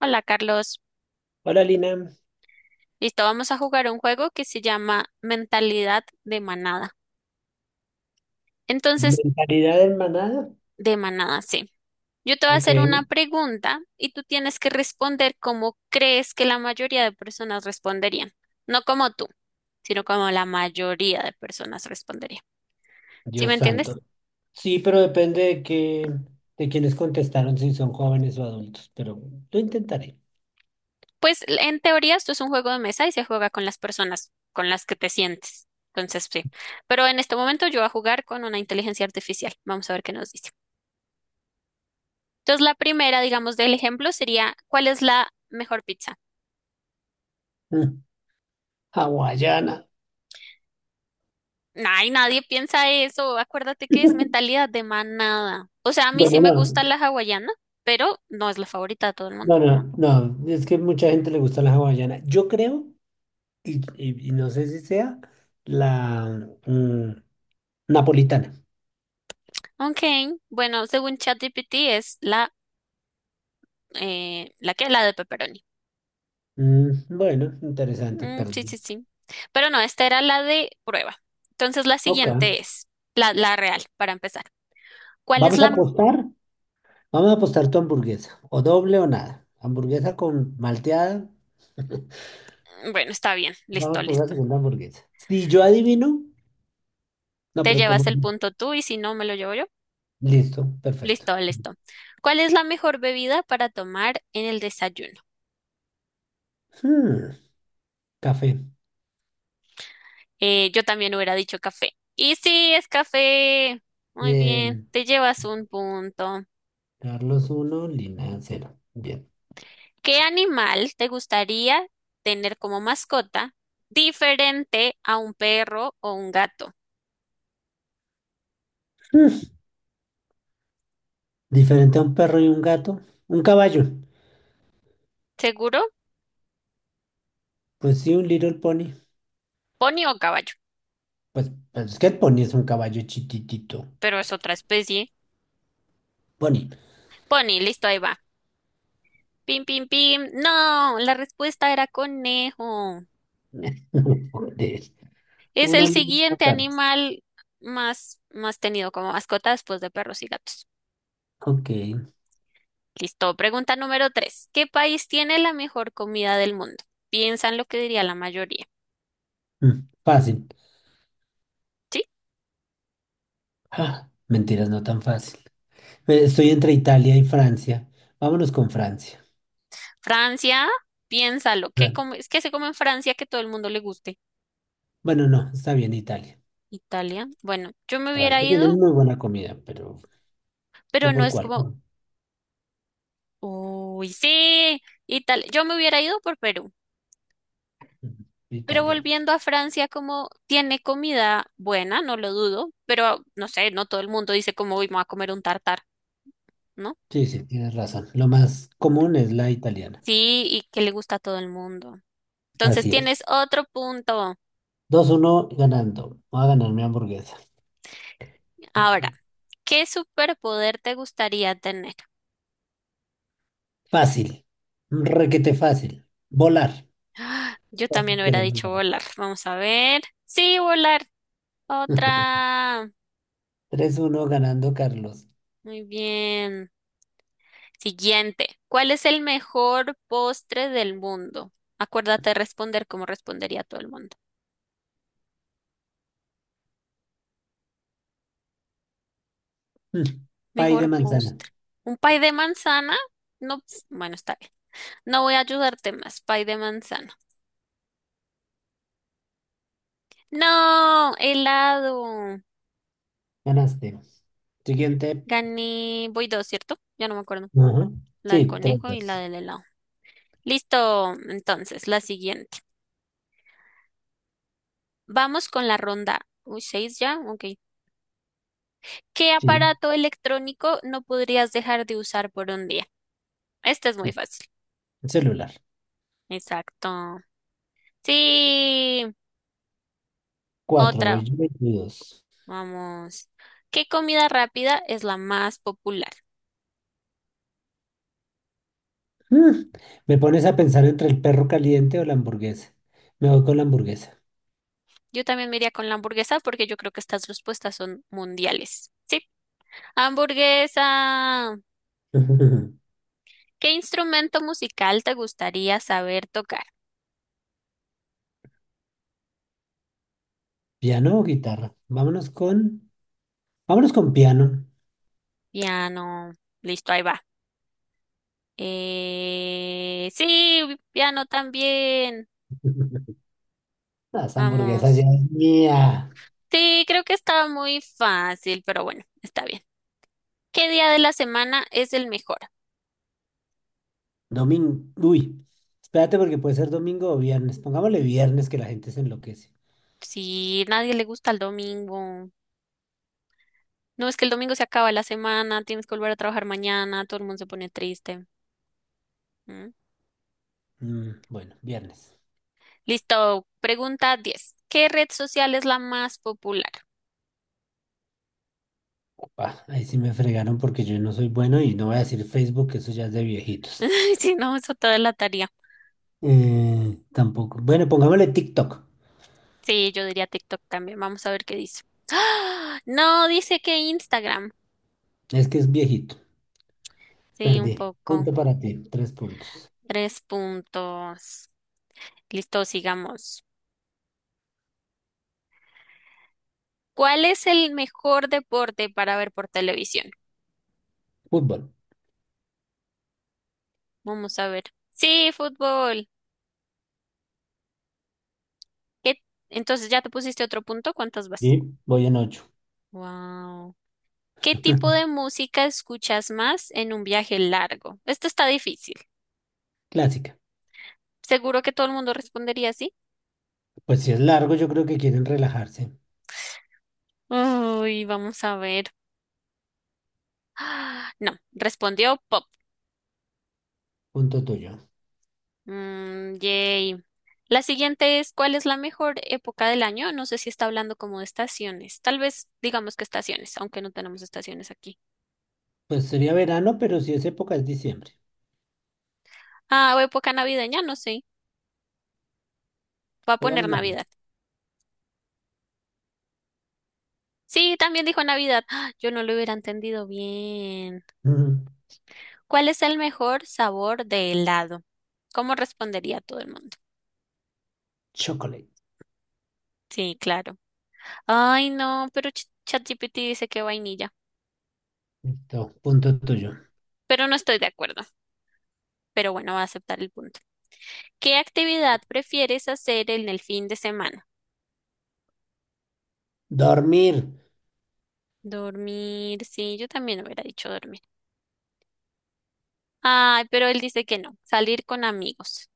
Hola Carlos, Hola Lina, listo, vamos a jugar un juego que se llama Mentalidad de Manada. Entonces, mentalidad en manada. de manada, sí. Yo te voy a Ok. hacer una pregunta y tú tienes que responder como crees que la mayoría de personas responderían. No como tú, sino como la mayoría de personas responderían. ¿Sí me Dios entiendes? santo. Sí, pero depende de quienes contestaron, si son jóvenes o adultos, pero lo intentaré. Pues en teoría esto es un juego de mesa y se juega con las personas con las que te sientes. Entonces, sí. Pero en este momento yo voy a jugar con una inteligencia artificial. Vamos a ver qué nos dice. Entonces, la primera, digamos, del ejemplo sería, ¿cuál es la mejor pizza? Mm, Hawaiana. Ay, nadie piensa eso. Acuérdate que es mentalidad de manada. O sea, a mí sí Bueno, me no, gusta la hawaiana, pero no es la favorita de todo el mundo. no, es que mucha gente le gusta la hawaiana. Yo creo, y no sé si sea, la mm, napolitana. Ok, bueno, según ChatGPT es la, ¿la que La de pepperoni. Mm, bueno, interesante, Mm, sí, perdí. sí, sí. Pero no, esta era la de prueba. Entonces, la Ok, siguiente es la real, para empezar. ¿Cuál es vamos a la...? Apostar. Vamos a apostar tu hamburguesa, o doble o nada. Hamburguesa con malteada. Bueno, está bien, listo, Vamos por la listo. segunda hamburguesa. Si yo adivino, no, Te pero como... llevas el punto tú y si no, me lo llevo yo. Listo, perfecto. Listo, listo. ¿Cuál es la mejor bebida para tomar en el desayuno? Hmm, Café. Yo también hubiera dicho café. Y sí, es café. Muy bien, Bien. te llevas un punto. Carlos uno, Lina cero. Bien. ¿Qué animal te gustaría tener como mascota diferente a un perro o un gato? Hmm, Diferente a un perro y un gato. Un caballo. ¿Seguro? Pues sí, un little pony. Pony o caballo, Pues, pues es que el pony es un caballo chiquitito. pero es otra especie. Pony. Pony, listo, ahí va. Pim, pim, pim. No, la respuesta era conejo. Joder. Es Uno el lindo, siguiente Carlos. animal más tenido como mascota después de perros y gatos. Ok. Listo. Pregunta número tres. ¿Qué país tiene la mejor comida del mundo? Piensa en lo que diría la mayoría. Fácil. ¿Sí? Ah, mentiras, no tan fácil. Estoy entre Italia y Francia. Vámonos con Francia. Francia, piénsalo. ¿Qué Fra- es que se come en Francia que todo el mundo le guste? Bueno, no, está bien Italia. Italia. Bueno, yo me hubiera Francia tiene ido, muy buena comida, pero ¿tú pero no por es cuál? como, Ujú. uy, sí, Italia. Yo me hubiera ido por Perú. Pero Italia. volviendo a Francia, como tiene comida buena, no lo dudo, pero no sé, no todo el mundo dice como, uy, me voy a comer un tartar, ¿no? Sí, sí, tienes razón. Lo más común es la italiana. Sí, y que le gusta a todo el mundo. Entonces Así es. tienes otro punto. Dos uno ganando. Voy a ganar mi hamburguesa. Ahora, ¿qué superpoder te gustaría tener? Fácil. Requete fácil. Volar. ¡Ah! Yo Todos también hubiera queremos dicho volar. volar. Vamos a ver. Sí, volar. Otra. Tres uno ganando Carlos. Muy bien. Siguiente. ¿Cuál es el mejor postre del mundo? Acuérdate de responder como respondería todo el mundo. Mm, Pay de Mejor manzana. postre. Un pay de manzana. No, bueno, está bien. No voy a ayudarte más. Pay de manzana. No, helado. Ganaste. Siguiente. Gané. Voy dos, ¿cierto? Ya no me acuerdo. Ajá. La del Sí, tres, conejo y la dos. del helado. Listo. Entonces, la siguiente. Vamos con la ronda. Uy, seis ya. Ok. ¿Qué Sí. aparato electrónico no podrías dejar de usar por un día? Esta es muy fácil. El celular. Exacto. Sí. Cuatro, voy Otra. yo, 22. Vamos. ¿Qué comida rápida es la más popular? Mm, Me pones a pensar entre el perro caliente o la hamburguesa. Me voy con la hamburguesa. Yo también me iría con la hamburguesa porque yo creo que estas respuestas son mundiales. Sí, hamburguesa. ¿Qué instrumento musical te gustaría saber tocar? ¿Piano o guitarra? Vámonos con piano. Piano. Listo, ahí va. Sí, piano también. Las hamburguesas ya Vamos. es mía. Sí, creo que estaba muy fácil, pero bueno, está bien. ¿Qué día de la semana es el mejor? Domingo. Uy, espérate porque puede ser domingo o viernes. Pongámosle viernes que la gente se enloquece. Sí, nadie le gusta el domingo. No, es que el domingo se acaba la semana, tienes que volver a trabajar mañana, todo el mundo se pone triste. ¿Mm? Mm, bueno, viernes. Listo, pregunta 10. ¿Qué red social es la más popular? Ah, ahí sí me fregaron porque yo no soy bueno y no voy a decir Facebook, que eso ya es de viejitos. Si no, eso toda la tarea. Tampoco. Bueno, pongámosle TikTok. Sí, yo diría TikTok también. Vamos a ver qué dice. ¡Ah! No, dice que Instagram. Es que es viejito. Sí, un Perdí. poco. Punto para ti. Tres puntos. Tres puntos. Listo, sigamos. ¿Cuál es el mejor deporte para ver por televisión? Fútbol. Vamos a ver. Sí, fútbol. ¿Qué? Entonces, ¿ya te pusiste otro punto? ¿Cuántas vas? Y voy en ocho. Wow. ¿Qué tipo de música escuchas más en un viaje largo? Esto está difícil. Clásica. Seguro que todo el mundo respondería así. Pues si es largo, yo creo que quieren relajarse. Uy, vamos a ver. Ah, no, respondió pop. Punto tuyo. Mm, yay. La siguiente es, ¿cuál es la mejor época del año? No sé si está hablando como de estaciones. Tal vez digamos que estaciones, aunque no tenemos estaciones aquí. Pues sería verano, pero si es época es diciembre. Ah, o época navideña, no sé. Va a Pongamos poner Navidad. Navidad. Sí, también dijo Navidad. Ah, yo no lo hubiera entendido bien. Ujú. ¿Cuál es el mejor sabor de helado? ¿Cómo respondería todo el mundo? Chocolate. Sí, claro. Ay, no, pero ChatGPT dice que vainilla. Listo. Punto tuyo. Pero no estoy de acuerdo. Pero bueno, va a aceptar el punto. ¿Qué actividad prefieres hacer en el fin de semana? Dormir. Dormir. Sí, yo también hubiera dicho dormir. Ay, pero él dice que no. Salir con amigos.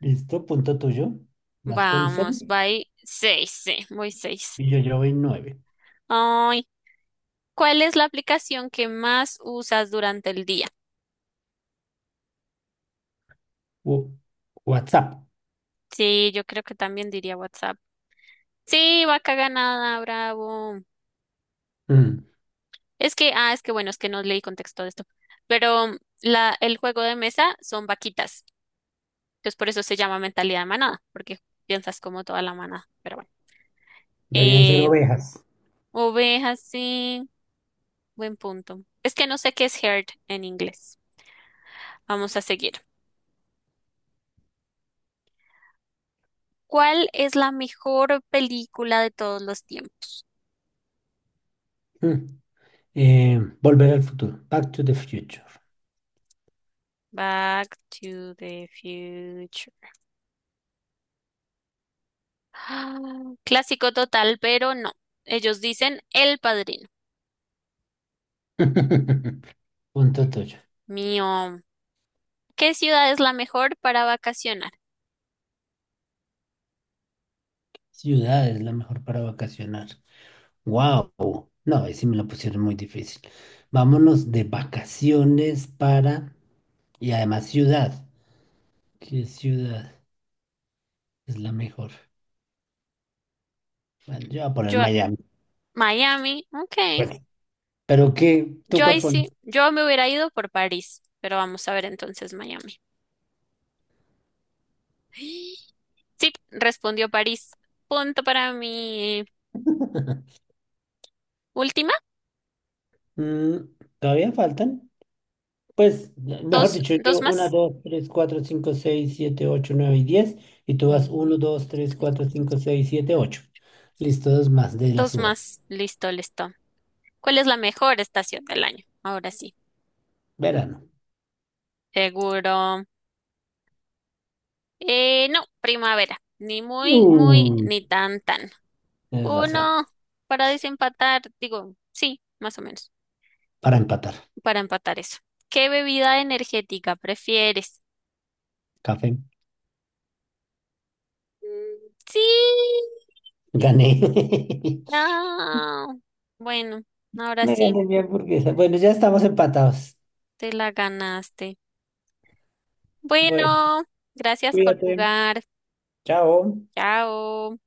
Listo. Punto tuyo. Vas con seis Vamos, voy seis, sí, voy seis. y yo voy nueve. Ay, ¿cuál es la aplicación que más usas durante el día? Wo- WhatsApp. Sí, yo creo que también diría WhatsApp. Sí, vaca ganada, bravo. Mm. Es que, ah, es que bueno, es que no leí contexto de esto. Pero el juego de mesa son vaquitas. Entonces por eso se llama mentalidad de manada, porque piensas como toda la manada. Pero bueno. Deberían ser Eh, ovejas. Ovejas, sí. Buen punto. Es que no sé qué es herd en inglés. Vamos a seguir. ¿Cuál es la mejor película de todos los tiempos? Mm. Volver al futuro. Back to the future. Back to the Future. Ah, clásico total, pero no. Ellos dicen El Padrino. Punto toyo. Mío, ¿qué ciudad es la mejor para vacacionar? Ciudad es la mejor para vacacionar. Wow. No, ahí sí me la pusieron muy difícil. Vámonos de vacaciones para... Y además ciudad. ¿Qué ciudad es la mejor? Bueno, yo voy a poner Yo, Miami. Miami, Pues, ok. ¿pero qué? ¿Tú Yo ahí cuál pones? sí, yo me hubiera ido por París, pero vamos a ver entonces Miami. Sí, respondió París. Punto para mi última, Mm, ¿todavía faltan? Pues, mejor dos, dicho, dos yo uno, más. 2, 3, 4, 5, 6, 7, 8, 9 y diez. Y tú vas Uno, uno, dos, tres, tres, cuatro, cuatro. cinco, seis, siete, ocho. Listo, dos más de la Dos suerte. más, listo, listo. ¿Cuál es la mejor estación del año? Ahora sí, Verano. seguro. No, primavera, ni muy, muy, Uh, ni tan, tan. tienes razón. Uno para desempatar, digo, sí, más o menos, Para empatar. para empatar eso. ¿Qué bebida energética prefieres? Café. Mm, sí, Gané. no. Bueno, ahora Me sí, gané mi hamburguesa. Bueno, ya estamos empatados. te la ganaste. Bueno, Bueno, gracias por cuídate. jugar. Chao. Chao.